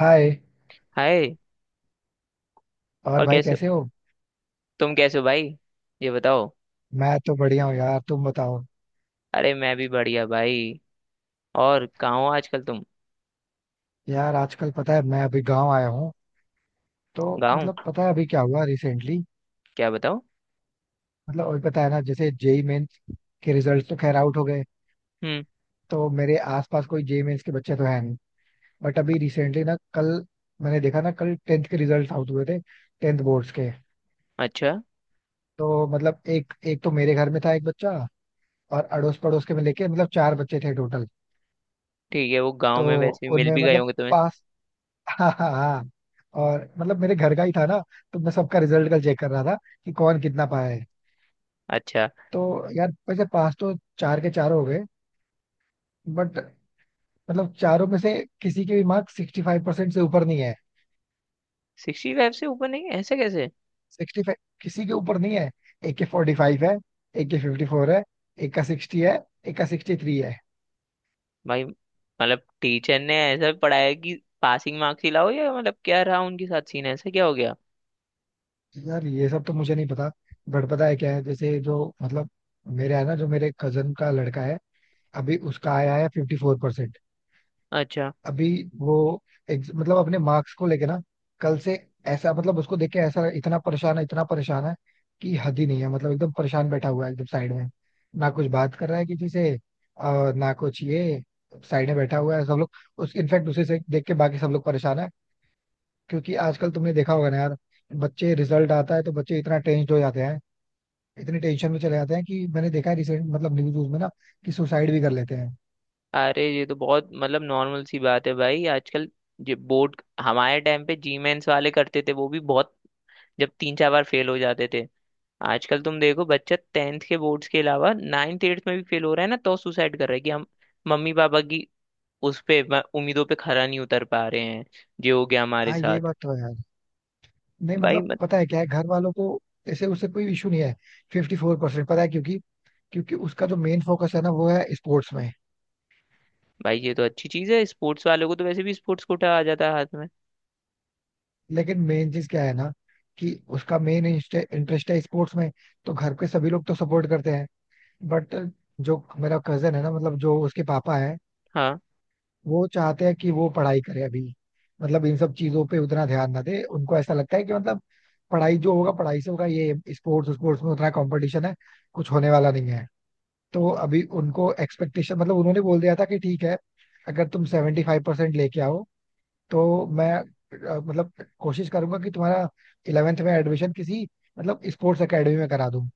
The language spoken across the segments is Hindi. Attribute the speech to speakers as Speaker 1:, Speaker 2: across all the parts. Speaker 1: हाय।
Speaker 2: हाय।
Speaker 1: और
Speaker 2: और
Speaker 1: भाई
Speaker 2: कैसे हो?
Speaker 1: कैसे हो?
Speaker 2: तुम कैसे हो भाई? ये बताओ।
Speaker 1: मैं तो बढ़िया हूँ यार, तुम बताओ।
Speaker 2: अरे, मैं भी बढ़िया भाई। और कहाँ हो आजकल तुम?
Speaker 1: यार आजकल पता है, मैं अभी गांव आया हूँ, तो
Speaker 2: गाँव?
Speaker 1: मतलब पता है अभी क्या हुआ रिसेंटली।
Speaker 2: क्या बताओ।
Speaker 1: मतलब अभी पता है ना, जैसे जेई मेंस के रिजल्ट तो खैर आउट हो गए,
Speaker 2: हम्म।
Speaker 1: तो मेरे आसपास कोई जेई मेंस के बच्चे तो हैं नहीं। बट अभी रिसेंटली ना कल, मैंने देखा ना, कल टेंथ के रिजल्ट आउट हुए थे, टेंथ बोर्ड्स के।
Speaker 2: अच्छा।
Speaker 1: तो मतलब एक एक तो मेरे घर में था एक बच्चा, और अड़ोस पड़ोस के में लेके मतलब चार बच्चे थे टोटल।
Speaker 2: ठीक है, वो गाँव
Speaker 1: तो
Speaker 2: में वैसे भी मिल
Speaker 1: उनमें
Speaker 2: भी गए
Speaker 1: मतलब
Speaker 2: होंगे तुम्हें।
Speaker 1: पास, हाँ हाँ हाँ, और मतलब मेरे घर का ही था ना, तो मैं सबका रिजल्ट कल चेक कर रहा था कि कौन कितना पाया है।
Speaker 2: अच्छा।
Speaker 1: तो यार वैसे पास तो चार के चार हो गए, बट मतलब चारों में से किसी के भी मार्क सिक्सटी फाइव परसेंट से ऊपर नहीं है।
Speaker 2: 65 से ऊपर नहीं है? ऐसा कैसे?
Speaker 1: सिक्सटी फाइव किसी के ऊपर नहीं है। एक के फोर्टी फाइव है, एक के फिफ्टी फोर है, एक का सिक्सटी है, एक का सिक्सटी थ्री है।
Speaker 2: भाई मतलब टीचर ने ऐसा पढ़ाया कि पासिंग मार्क्स ही लाओ, या मतलब क्या रहा उनके साथ सीन? ऐसा क्या हो गया?
Speaker 1: यार ये सब तो मुझे नहीं पता, बट पता है क्या है, जैसे जो मतलब मेरे है ना, जो मेरे कजन का लड़का है, अभी उसका आया है फिफ्टी फोर परसेंट।
Speaker 2: अच्छा।
Speaker 1: अभी वो मतलब अपने मार्क्स को लेके ना, कल से ऐसा, मतलब उसको देख के ऐसा, इतना परेशान है कि हद ही नहीं है। मतलब एकदम परेशान बैठा हुआ है, एकदम साइड में, ना कुछ बात कर रहा है किसी से और ना कुछ ये। साइड में बैठा हुआ है, सब लोग उस इनफैक्ट उसे से देख के बाकी सब लोग परेशान है। क्योंकि आजकल तुमने देखा होगा ना यार, बच्चे, रिजल्ट आता है तो बच्चे इतना टेंस्ड हो जाते हैं, इतनी टेंशन में चले जाते हैं कि मैंने देखा है रिसेंट, मतलब न्यूज में ना, कि सुसाइड भी कर लेते हैं।
Speaker 2: अरे ये तो बहुत मतलब नॉर्मल सी बात है भाई आजकल। जो बोर्ड हमारे टाइम पे जीमेंस वाले करते थे वो भी बहुत जब तीन चार बार फेल हो जाते थे। आजकल तुम देखो, बच्चा टेंथ के बोर्ड्स के अलावा नाइन्थ एट्थ में भी फेल हो रहा है ना, तो सुसाइड कर रहा है कि हम मम्मी पापा की उस पे उम्मीदों पे खरा नहीं उतर पा रहे हैं। ये हो गया हमारे
Speaker 1: हाँ ये
Speaker 2: साथ।
Speaker 1: बात तो है यार। नहीं
Speaker 2: भाई
Speaker 1: मतलब
Speaker 2: मत।
Speaker 1: पता है क्या है, घर वालों को ऐसे उससे कोई इशू नहीं है फिफ्टी फोर परसेंट, पता है क्योंकि क्योंकि उसका जो मेन फोकस है ना, वो है स्पोर्ट्स में।
Speaker 2: भाई ये तो अच्छी चीज है, स्पोर्ट्स वालों को तो वैसे भी स्पोर्ट्स कोटा आ जाता है हाथ में।
Speaker 1: लेकिन मेन चीज क्या है ना, कि उसका मेन इंटरेस्ट है स्पोर्ट्स में, तो घर के सभी लोग तो सपोर्ट करते हैं। बट जो मेरा कजन है ना, मतलब जो उसके पापा है,
Speaker 2: हाँ।
Speaker 1: वो चाहते हैं कि वो पढ़ाई करे अभी। मतलब इन सब चीजों पे उतना ध्यान ना दे। उनको ऐसा लगता है कि मतलब पढ़ाई, जो होगा पढ़ाई से होगा, ये स्पोर्ट्स, स्पोर्ट्स में उतना कंपटीशन है कुछ होने वाला नहीं है। तो अभी उनको एक्सपेक्टेशन, मतलब उन्होंने बोल दिया था कि ठीक है, अगर तुम सेवेंटी फाइव परसेंट लेके आओ, तो मैं मतलब कोशिश करूंगा कि तुम्हारा इलेवेंथ में एडमिशन किसी मतलब स्पोर्ट्स एकेडमी में करा दूं।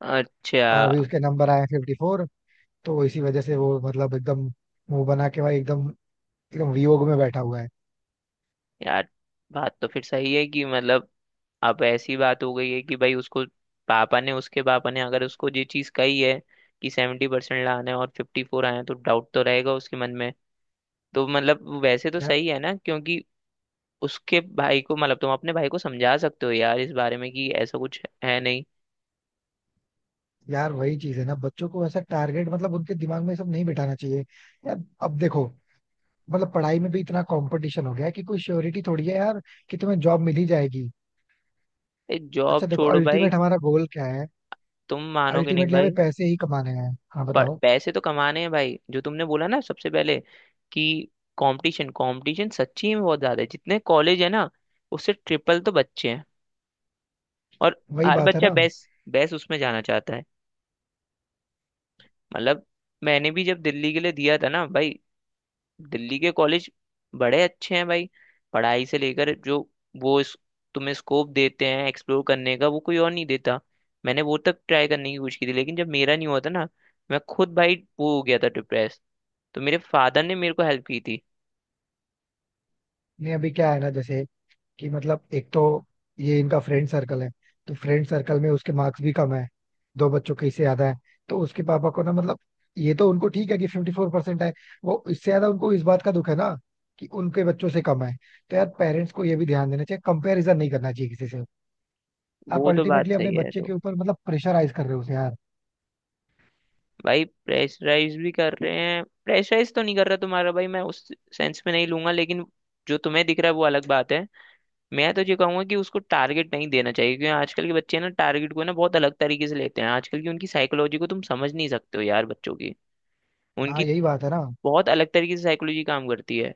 Speaker 2: अच्छा।
Speaker 1: और अभी उसके नंबर आए फिफ्टी फोर, तो इसी वजह से वो मतलब एकदम मुंह बना के भाई, एकदम एकदम वियोग में बैठा हुआ है
Speaker 2: यार, बात तो फिर सही है कि मतलब अब ऐसी बात हो गई है कि भाई उसको पापा ने उसके पापा ने अगर उसको ये चीज कही है कि 70% लाना है और 54 आए हैं, तो डाउट तो रहेगा उसके मन में। तो मतलब वैसे तो
Speaker 1: यार।
Speaker 2: सही है ना, क्योंकि उसके भाई को मतलब तुम अपने भाई को समझा सकते हो यार इस बारे में कि ऐसा कुछ है नहीं।
Speaker 1: यार वही चीज है ना, बच्चों को ऐसा टारगेट, मतलब उनके दिमाग में ये सब नहीं बिठाना चाहिए। यार अब देखो, मतलब पढ़ाई में भी इतना कंपटीशन हो गया है कि कोई श्योरिटी थोड़ी है यार कि तुम्हें जॉब मिल ही जाएगी।
Speaker 2: ए, जॉब
Speaker 1: अच्छा देखो,
Speaker 2: छोड़ो भाई।
Speaker 1: अल्टीमेट हमारा गोल क्या है?
Speaker 2: तुम मानोगे नहीं
Speaker 1: अल्टीमेटली
Speaker 2: भाई।
Speaker 1: हमें पैसे ही कमाने हैं। हाँ
Speaker 2: पर
Speaker 1: बताओ।
Speaker 2: पैसे तो कमाने हैं भाई, जो तुमने बोला ना सबसे पहले कि कंपटीशन, कंपटीशन सच्ची में बहुत ज्यादा है। जितने कॉलेज है ना, उससे ट्रिपल तो बच्चे हैं। और
Speaker 1: वही
Speaker 2: हर
Speaker 1: बात है
Speaker 2: बच्चा
Speaker 1: ना।
Speaker 2: बेस्ट बेस्ट उसमें जाना चाहता है, मतलब। मैंने भी जब दिल्ली के लिए दिया था ना भाई, दिल्ली के कॉलेज बड़े अच्छे हैं भाई। पढ़ाई से लेकर जो वो तुम्हें स्कोप देते हैं एक्सप्लोर करने का, वो कोई और नहीं देता। मैंने वो तक ट्राई करने की कोशिश की थी, लेकिन जब मेरा नहीं हुआ था ना, मैं खुद भाई वो हो गया था डिप्रेस। तो मेरे फादर ने मेरे को हेल्प की थी।
Speaker 1: नहीं अभी क्या है ना, जैसे कि मतलब एक तो ये इनका फ्रेंड सर्कल है, तो फ्रेंड सर्कल में उसके मार्क्स भी कम है, दो बच्चों के इससे ज्यादा है। तो उसके पापा को ना मतलब, ये तो उनको ठीक है कि फिफ्टी फोर परसेंट है, वो इससे ज्यादा उनको इस बात का दुख है ना कि उनके बच्चों से कम है। तो यार पेरेंट्स को ये भी ध्यान देना चाहिए, कंपैरिजन नहीं करना चाहिए किसी से। आप
Speaker 2: वो तो बात
Speaker 1: अल्टीमेटली अपने
Speaker 2: सही है
Speaker 1: बच्चे के
Speaker 2: तो।
Speaker 1: ऊपर मतलब प्रेशराइज कर रहे हो उसे यार।
Speaker 2: भाई प्रेशराइज भी कर रहे हैं, प्रेशराइज तो नहीं कर रहा तुम्हारा भाई, मैं उस सेंस में नहीं लूंगा, लेकिन जो तुम्हें दिख रहा है वो अलग बात है। मैं तो ये कहूंगा कि उसको टारगेट नहीं देना चाहिए, क्योंकि आजकल के बच्चे ना टारगेट को ना बहुत अलग तरीके से लेते हैं। आजकल की उनकी साइकोलॉजी को तुम समझ नहीं सकते हो यार, बच्चों की।
Speaker 1: हाँ
Speaker 2: उनकी
Speaker 1: यही बात है ना।
Speaker 2: बहुत अलग तरीके से साइकोलॉजी काम करती है।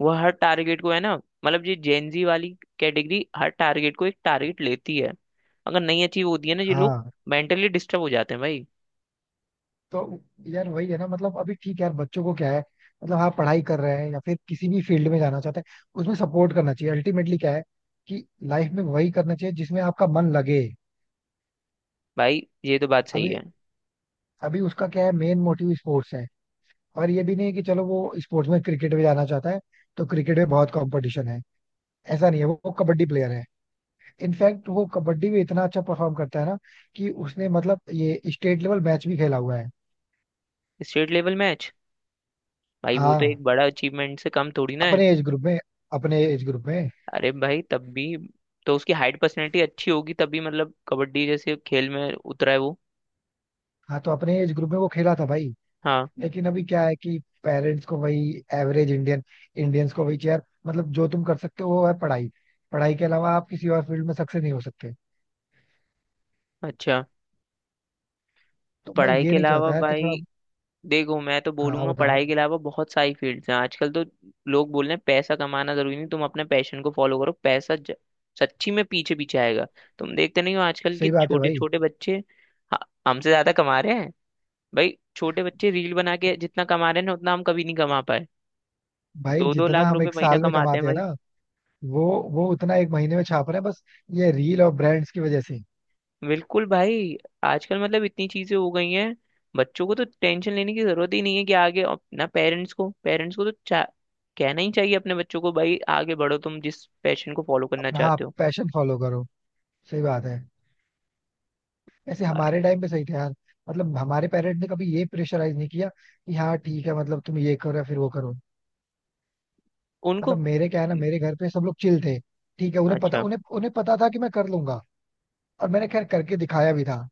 Speaker 2: वो हर टारगेट को है ना, मतलब ये जेनजी वाली कैटेगरी हर टारगेट को एक टारगेट लेती है। अगर नहीं अचीव होती है ना, ये लोग
Speaker 1: हाँ,
Speaker 2: मेंटली डिस्टर्ब हो जाते हैं भाई।
Speaker 1: तो यार वही है ना। मतलब अभी ठीक है यार, बच्चों को क्या है, मतलब हाँ पढ़ाई कर रहे हैं या फिर किसी भी फील्ड में जाना चाहते हैं, उसमें सपोर्ट करना चाहिए। अल्टीमेटली क्या है कि लाइफ में वही करना चाहिए जिसमें आपका मन लगे।
Speaker 2: भाई ये तो बात सही
Speaker 1: अभी,
Speaker 2: है।
Speaker 1: अभी उसका क्या है, मेन मोटिव स्पोर्ट्स है। और ये भी नहीं है कि चलो वो स्पोर्ट्स में क्रिकेट में जाना चाहता है तो क्रिकेट में बहुत कंपटीशन है, ऐसा नहीं है। वो कबड्डी प्लेयर है, इनफैक्ट वो कबड्डी में इतना अच्छा परफॉर्म करता है ना कि उसने मतलब ये स्टेट लेवल मैच भी खेला हुआ है।
Speaker 2: State level match? भाई वो तो
Speaker 1: हाँ,
Speaker 2: एक बड़ा अचीवमेंट से कम थोड़ी ना है।
Speaker 1: अपने एज ग्रुप में, अपने एज ग्रुप में।
Speaker 2: अरे भाई तब भी, तो उसकी हाइट पर्सनैलिटी अच्छी होगी तभी मतलब कबड्डी जैसे खेल में उतरा है वो।
Speaker 1: हाँ तो अपने एज ग्रुप में वो खेला था भाई।
Speaker 2: हाँ।
Speaker 1: लेकिन अभी क्या है कि पेरेंट्स को वही एवरेज इंडियन, इंडियंस को वही चेयर, मतलब जो तुम कर सकते हो वो है पढ़ाई। पढ़ाई के अलावा आप किसी और फील्ड में सक्सेस नहीं हो सकते।
Speaker 2: अच्छा।
Speaker 1: तो मैं
Speaker 2: पढ़ाई
Speaker 1: ये
Speaker 2: के
Speaker 1: नहीं
Speaker 2: अलावा
Speaker 1: चाहता यार कि थोड़ा,
Speaker 2: भाई, देखो मैं तो
Speaker 1: हाँ
Speaker 2: बोलूंगा
Speaker 1: बताओ।
Speaker 2: पढ़ाई के अलावा बहुत सारी फील्ड्स हैं आजकल तो। लोग बोल रहे हैं पैसा कमाना जरूरी नहीं, तुम अपने पैशन को फॉलो करो, पैसा सच्ची में पीछे पीछे आएगा। तुम देखते नहीं हो आजकल के
Speaker 1: सही बात है
Speaker 2: छोटे
Speaker 1: भाई।
Speaker 2: छोटे बच्चे ह- हमसे ज्यादा कमा रहे हैं। भाई छोटे बच्चे रील बना के जितना कमा रहे हैं ना, उतना हम कभी नहीं कमा पाए।
Speaker 1: भाई
Speaker 2: दो दो
Speaker 1: जितना
Speaker 2: लाख
Speaker 1: हम
Speaker 2: रुपए
Speaker 1: एक
Speaker 2: महीना
Speaker 1: साल में
Speaker 2: कमाते
Speaker 1: कमाते हैं
Speaker 2: हैं।
Speaker 1: ना, वो वो उतना एक महीने में छाप रहे हैं बस, ये रील और ब्रांड्स की वजह से।
Speaker 2: बिल्कुल भाई। आजकल मतलब इतनी चीजें हो गई हैं, बच्चों को तो टेंशन लेने की जरूरत ही नहीं है कि आगे अपना पेरेंट्स को कहना ही चाहिए अपने बच्चों को भाई, आगे बढ़ो तुम जिस पैशन को फॉलो करना
Speaker 1: अपना, हाँ,
Speaker 2: चाहते हो।
Speaker 1: पैशन फॉलो करो, सही बात है। वैसे
Speaker 2: भाई
Speaker 1: हमारे टाइम पे सही था यार, मतलब हमारे पेरेंट्स ने कभी ये प्रेशराइज नहीं किया कि हाँ ठीक है, मतलब तुम ये करो या फिर वो करो।
Speaker 2: उनको।
Speaker 1: मतलब मेरे क्या है ना, मेरे घर पे सब लोग चिल थे। ठीक है, उन्हें पता,
Speaker 2: अच्छा।
Speaker 1: उन्हें उन्हें पता था कि मैं कर लूंगा। और मैंने खैर करके दिखाया भी था।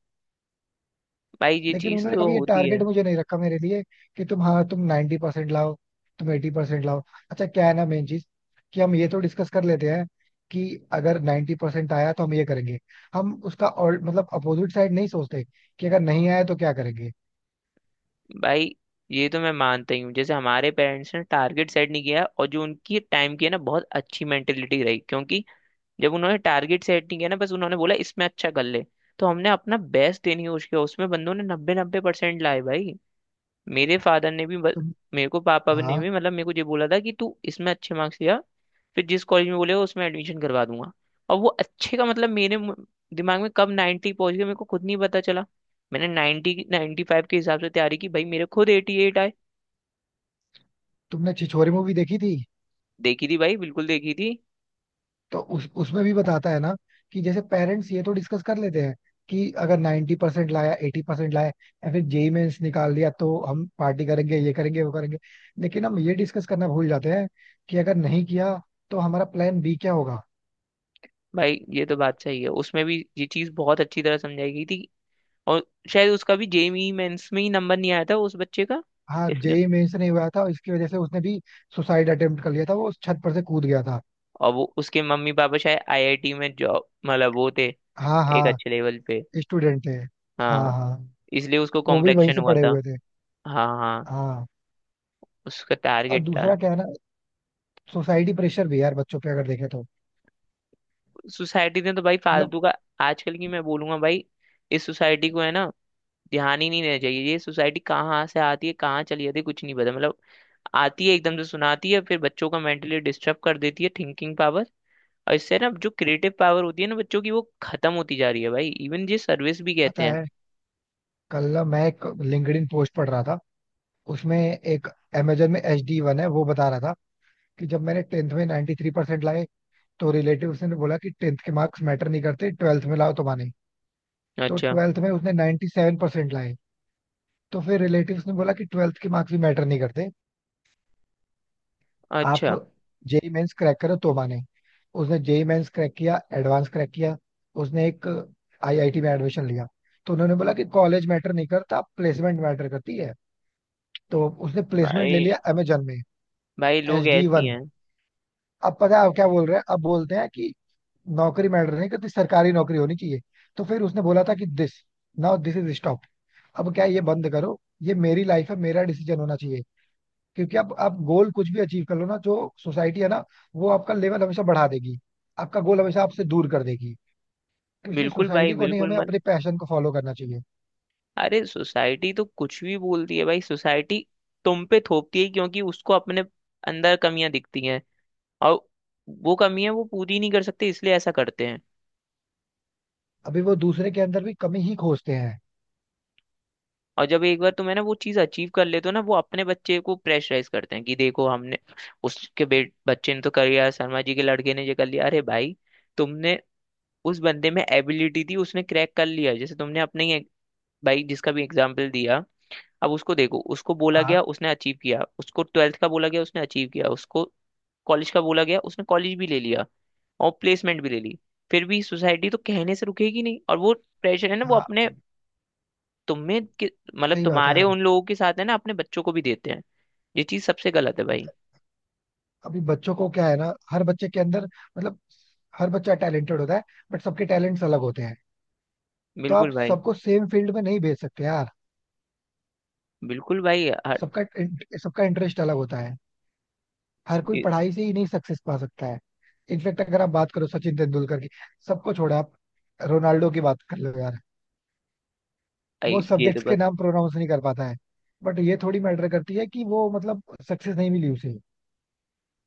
Speaker 2: भाई ये
Speaker 1: लेकिन
Speaker 2: चीज
Speaker 1: उन्होंने
Speaker 2: तो
Speaker 1: कभी ये
Speaker 2: होती है।
Speaker 1: टारगेट मुझे नहीं रखा मेरे लिए कि तुम, हाँ, तुम नाइन्टी परसेंट लाओ, तुम एटी परसेंट लाओ। अच्छा क्या है ना, मेन चीज कि हम ये तो डिस्कस कर लेते हैं कि अगर नाइन्टी परसेंट आया तो हम ये करेंगे। हम उसका और मतलब अपोजिट साइड नहीं सोचते कि अगर नहीं आया तो क्या करेंगे।
Speaker 2: भाई ये तो मैं मानता ही हूँ, जैसे हमारे पेरेंट्स ने टारगेट सेट नहीं किया और जो उनकी टाइम की है ना बहुत अच्छी मेंटेलिटी रही, क्योंकि जब उन्होंने टारगेट सेट नहीं किया ना, बस उन्होंने बोला इसमें अच्छा कर ले, तो हमने अपना बेस्ट देने की कोशिश किया, उसमें बंदों ने 90-90% लाए भाई। मेरे फादर ने भी बस,
Speaker 1: तुम,
Speaker 2: मेरे को पापा ने
Speaker 1: हाँ,
Speaker 2: भी मतलब मेरे को ये बोला था कि तू इसमें अच्छे मार्क्स लिया, फिर जिस कॉलेज में बोलेगा उसमें एडमिशन करवा दूंगा। और वो अच्छे का मतलब मेरे दिमाग में कब 90 पहुंच गया मेरे को खुद नहीं पता चला। मैंने 90-95 के हिसाब से तैयारी की भाई, मेरे खुद 88 आए।
Speaker 1: तुमने छिछोरे मूवी देखी थी?
Speaker 2: देखी थी भाई, बिल्कुल देखी थी।
Speaker 1: तो उस उसमें भी बताता है ना कि जैसे पेरेंट्स ये तो डिस्कस कर लेते हैं कि अगर 90 परसेंट लाया, 80 परसेंट लाया, या फिर जेई मेंस निकाल लिया, तो हम पार्टी करेंगे, ये करेंगे, वो करेंगे। लेकिन हम ये डिस्कस करना भूल जाते हैं कि अगर नहीं किया तो हमारा प्लान बी क्या होगा।
Speaker 2: भाई ये तो बात सही है, उसमें भी ये चीज़ बहुत अच्छी तरह समझाई गई थी। और शायद उसका भी जेईई मेंस में ही नंबर नहीं आया था उस बच्चे का,
Speaker 1: हाँ
Speaker 2: इसलिए।
Speaker 1: जेई मेंस नहीं हुआ था, इसकी वजह से उसने भी सुसाइड अटेम्प्ट कर लिया था, वो छत पर से कूद गया था।
Speaker 2: और वो उसके मम्मी पापा शायद आईआईटी में जॉब मतलब वो थे,
Speaker 1: हाँ
Speaker 2: एक
Speaker 1: हाँ,
Speaker 2: अच्छे लेवल पे।
Speaker 1: स्टूडेंट थे। हाँ
Speaker 2: हाँ।
Speaker 1: हाँ,
Speaker 2: इसलिए उसको
Speaker 1: वो भी वहीं
Speaker 2: कॉम्प्लेक्शन
Speaker 1: से
Speaker 2: हुआ
Speaker 1: पढ़े
Speaker 2: था।
Speaker 1: हुए थे।
Speaker 2: हाँ हाँ।
Speaker 1: हाँ।
Speaker 2: उसका
Speaker 1: और
Speaker 2: टारगेट था।
Speaker 1: दूसरा क्या है ना, सोसाइटी प्रेशर भी है यार बच्चों पे अगर देखे तो,
Speaker 2: सोसाइटी ने तो भाई
Speaker 1: मतलब
Speaker 2: फालतू का। आजकल की मैं बोलूंगा भाई, इस सोसाइटी को है ना, ध्यान ही नहीं देना चाहिए। ये सोसाइटी कहाँ से आती है, कहाँ चली जाती है, कुछ नहीं पता, मतलब। आती है एकदम से, सुनाती है, फिर बच्चों का मेंटली डिस्टर्ब कर देती है, थिंकिंग पावर। और इससे ना जो क्रिएटिव पावर होती है ना बच्चों की, वो खत्म होती जा रही है भाई, इवन ये सर्विस भी कहते
Speaker 1: पता
Speaker 2: हैं।
Speaker 1: है, कल ना मैं एक लिंक्डइन पोस्ट पढ़ रहा था। उसमें एक अमेजन में एच डी वन है, वो बता रहा था कि जब मैंने टेंथ में 93% लाए, तो रिलेटिव ने बोला कि टेंथ के मार्क्स मैटर नहीं करते, ट्वेल्थ में लाओ तो माने। तो
Speaker 2: अच्छा।
Speaker 1: ट्वेल्थ में उसने 97% लाए, तो फिर रिलेटिव्स ने बोला कि ट्वेल्थ के मार्क्स भी मैटर नहीं करते, आप
Speaker 2: अच्छा
Speaker 1: जेई मेंस क्रैक करो तो माने। उसने जेई मेंस क्रैक किया, एडवांस क्रैक किया, उसने एक आईआईटी में एडमिशन लिया। तो उन्होंने बोला कि कॉलेज मैटर नहीं करता, प्लेसमेंट मैटर करती है। तो उसने प्लेसमेंट ले लिया
Speaker 2: भाई।
Speaker 1: अमेजन में,
Speaker 2: भाई लोग
Speaker 1: एच डी
Speaker 2: ऐसी
Speaker 1: वन।
Speaker 2: हैं।
Speaker 1: अब पता है अब क्या बोल रहे हैं, अब बोलते हैं कि नौकरी मैटर नहीं करती, सरकारी नौकरी होनी चाहिए। तो फिर उसने बोला था कि this, now this is stop. अब क्या है, ये बंद करो, ये मेरी लाइफ है, मेरा डिसीजन होना चाहिए। क्योंकि अब आप गोल कुछ भी अचीव कर लो ना, जो सोसाइटी है ना, वो आपका लेवल हमेशा बढ़ा देगी, आपका गोल हमेशा आपसे दूर कर देगी। तो इसलिए
Speaker 2: बिल्कुल भाई,
Speaker 1: सोसाइटी को नहीं,
Speaker 2: बिल्कुल
Speaker 1: हमें
Speaker 2: मत।
Speaker 1: अपने पैशन को फॉलो करना चाहिए।
Speaker 2: अरे, सोसाइटी तो कुछ भी बोलती है भाई। सोसाइटी तुम पे थोपती है, क्योंकि उसको अपने अंदर कमियां दिखती हैं, और वो कमियां वो पूरी नहीं कर सकते, इसलिए ऐसा करते हैं।
Speaker 1: अभी वो दूसरे के अंदर भी कमी ही खोजते हैं।
Speaker 2: और जब एक बार तुम है ना वो चीज अचीव कर लेते हो ना, वो अपने बच्चे को प्रेशराइज करते हैं कि देखो हमने उसके बे बच्चे ने तो कर लिया, शर्मा जी के लड़के ने ये कर लिया। अरे भाई, तुमने, उस बंदे में एबिलिटी थी उसने क्रैक कर लिया, जैसे तुमने अपने ही भाई जिसका भी एग्जाम्पल दिया, अब उसको देखो, उसको बोला
Speaker 1: हाँ
Speaker 2: गया उसने अचीव किया, उसको ट्वेल्थ का बोला गया उसने अचीव किया, उसको कॉलेज का बोला गया, उसने कॉलेज भी ले लिया, और प्लेसमेंट भी ले ली। फिर भी सोसाइटी तो कहने से रुकेगी नहीं, और वो प्रेशर है ना, वो
Speaker 1: हाँ,
Speaker 2: अपने तुम्हें मतलब
Speaker 1: सही बात है
Speaker 2: तुम्हारे
Speaker 1: यार।
Speaker 2: उन लोगों के साथ है ना, अपने बच्चों को भी देते हैं। ये चीज सबसे गलत है भाई।
Speaker 1: अभी बच्चों को क्या है ना, हर बच्चे के अंदर मतलब हर बच्चा टैलेंटेड होता है, बट सबके टैलेंट्स अलग होते हैं। तो
Speaker 2: बिल्कुल
Speaker 1: आप
Speaker 2: भाई।
Speaker 1: सबको सेम फील्ड में नहीं भेज सकते यार।
Speaker 2: बिल्कुल भाई
Speaker 1: सबका, सबका इंटरेस्ट अलग होता है। हर कोई
Speaker 2: ये
Speaker 1: पढ़ाई से ही नहीं सक्सेस पा सकता है। इनफेक्ट अगर आप बात करो सचिन तेंदुलकर की, सबको छोड़ो, आप रोनाल्डो की बात कर लो यार, वो
Speaker 2: ये तो
Speaker 1: सब्जेक्ट्स के
Speaker 2: बात।
Speaker 1: नाम प्रोनाउंस नहीं कर पाता है, बट ये थोड़ी मैटर करती है कि वो मतलब सक्सेस नहीं मिली उसे।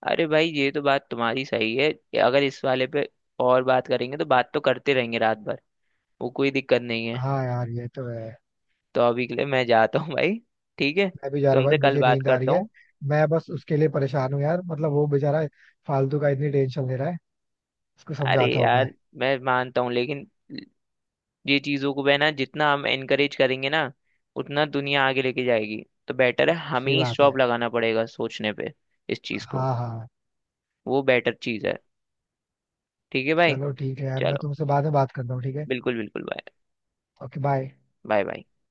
Speaker 2: अरे भाई ये तो बात तुम्हारी सही है कि अगर इस वाले पे और बात करेंगे तो बात तो करते रहेंगे रात भर, वो कोई दिक्कत नहीं है।
Speaker 1: हाँ यार ये तो है।
Speaker 2: तो अभी के लिए मैं जाता हूँ भाई। ठीक है,
Speaker 1: मैं भी जा रहा हूँ
Speaker 2: तुमसे
Speaker 1: भाई,
Speaker 2: कल
Speaker 1: मुझे
Speaker 2: बात
Speaker 1: नींद आ रही
Speaker 2: करता
Speaker 1: है।
Speaker 2: हूँ।
Speaker 1: मैं बस उसके लिए परेशान हूँ यार, मतलब वो बेचारा फालतू का इतनी टेंशन ले रहा है। उसको
Speaker 2: अरे
Speaker 1: समझाता हूँ मैं।
Speaker 2: यार, मैं मानता हूँ लेकिन ये चीजों को बहना जितना हम एनकरेज करेंगे ना, उतना दुनिया आगे लेके जाएगी। तो बेटर है हमें
Speaker 1: सही
Speaker 2: ही
Speaker 1: बात है।
Speaker 2: स्टॉप लगाना पड़ेगा सोचने पे, इस चीज को।
Speaker 1: हाँ हाँ,
Speaker 2: वो बेटर चीज है। ठीक है भाई।
Speaker 1: चलो ठीक है यार, मैं
Speaker 2: चलो।
Speaker 1: तुमसे बाद में बात करता हूँ, ठीक है।
Speaker 2: बिल्कुल बिल्कुल। Bye.
Speaker 1: Okay bye.
Speaker 2: Bye bye.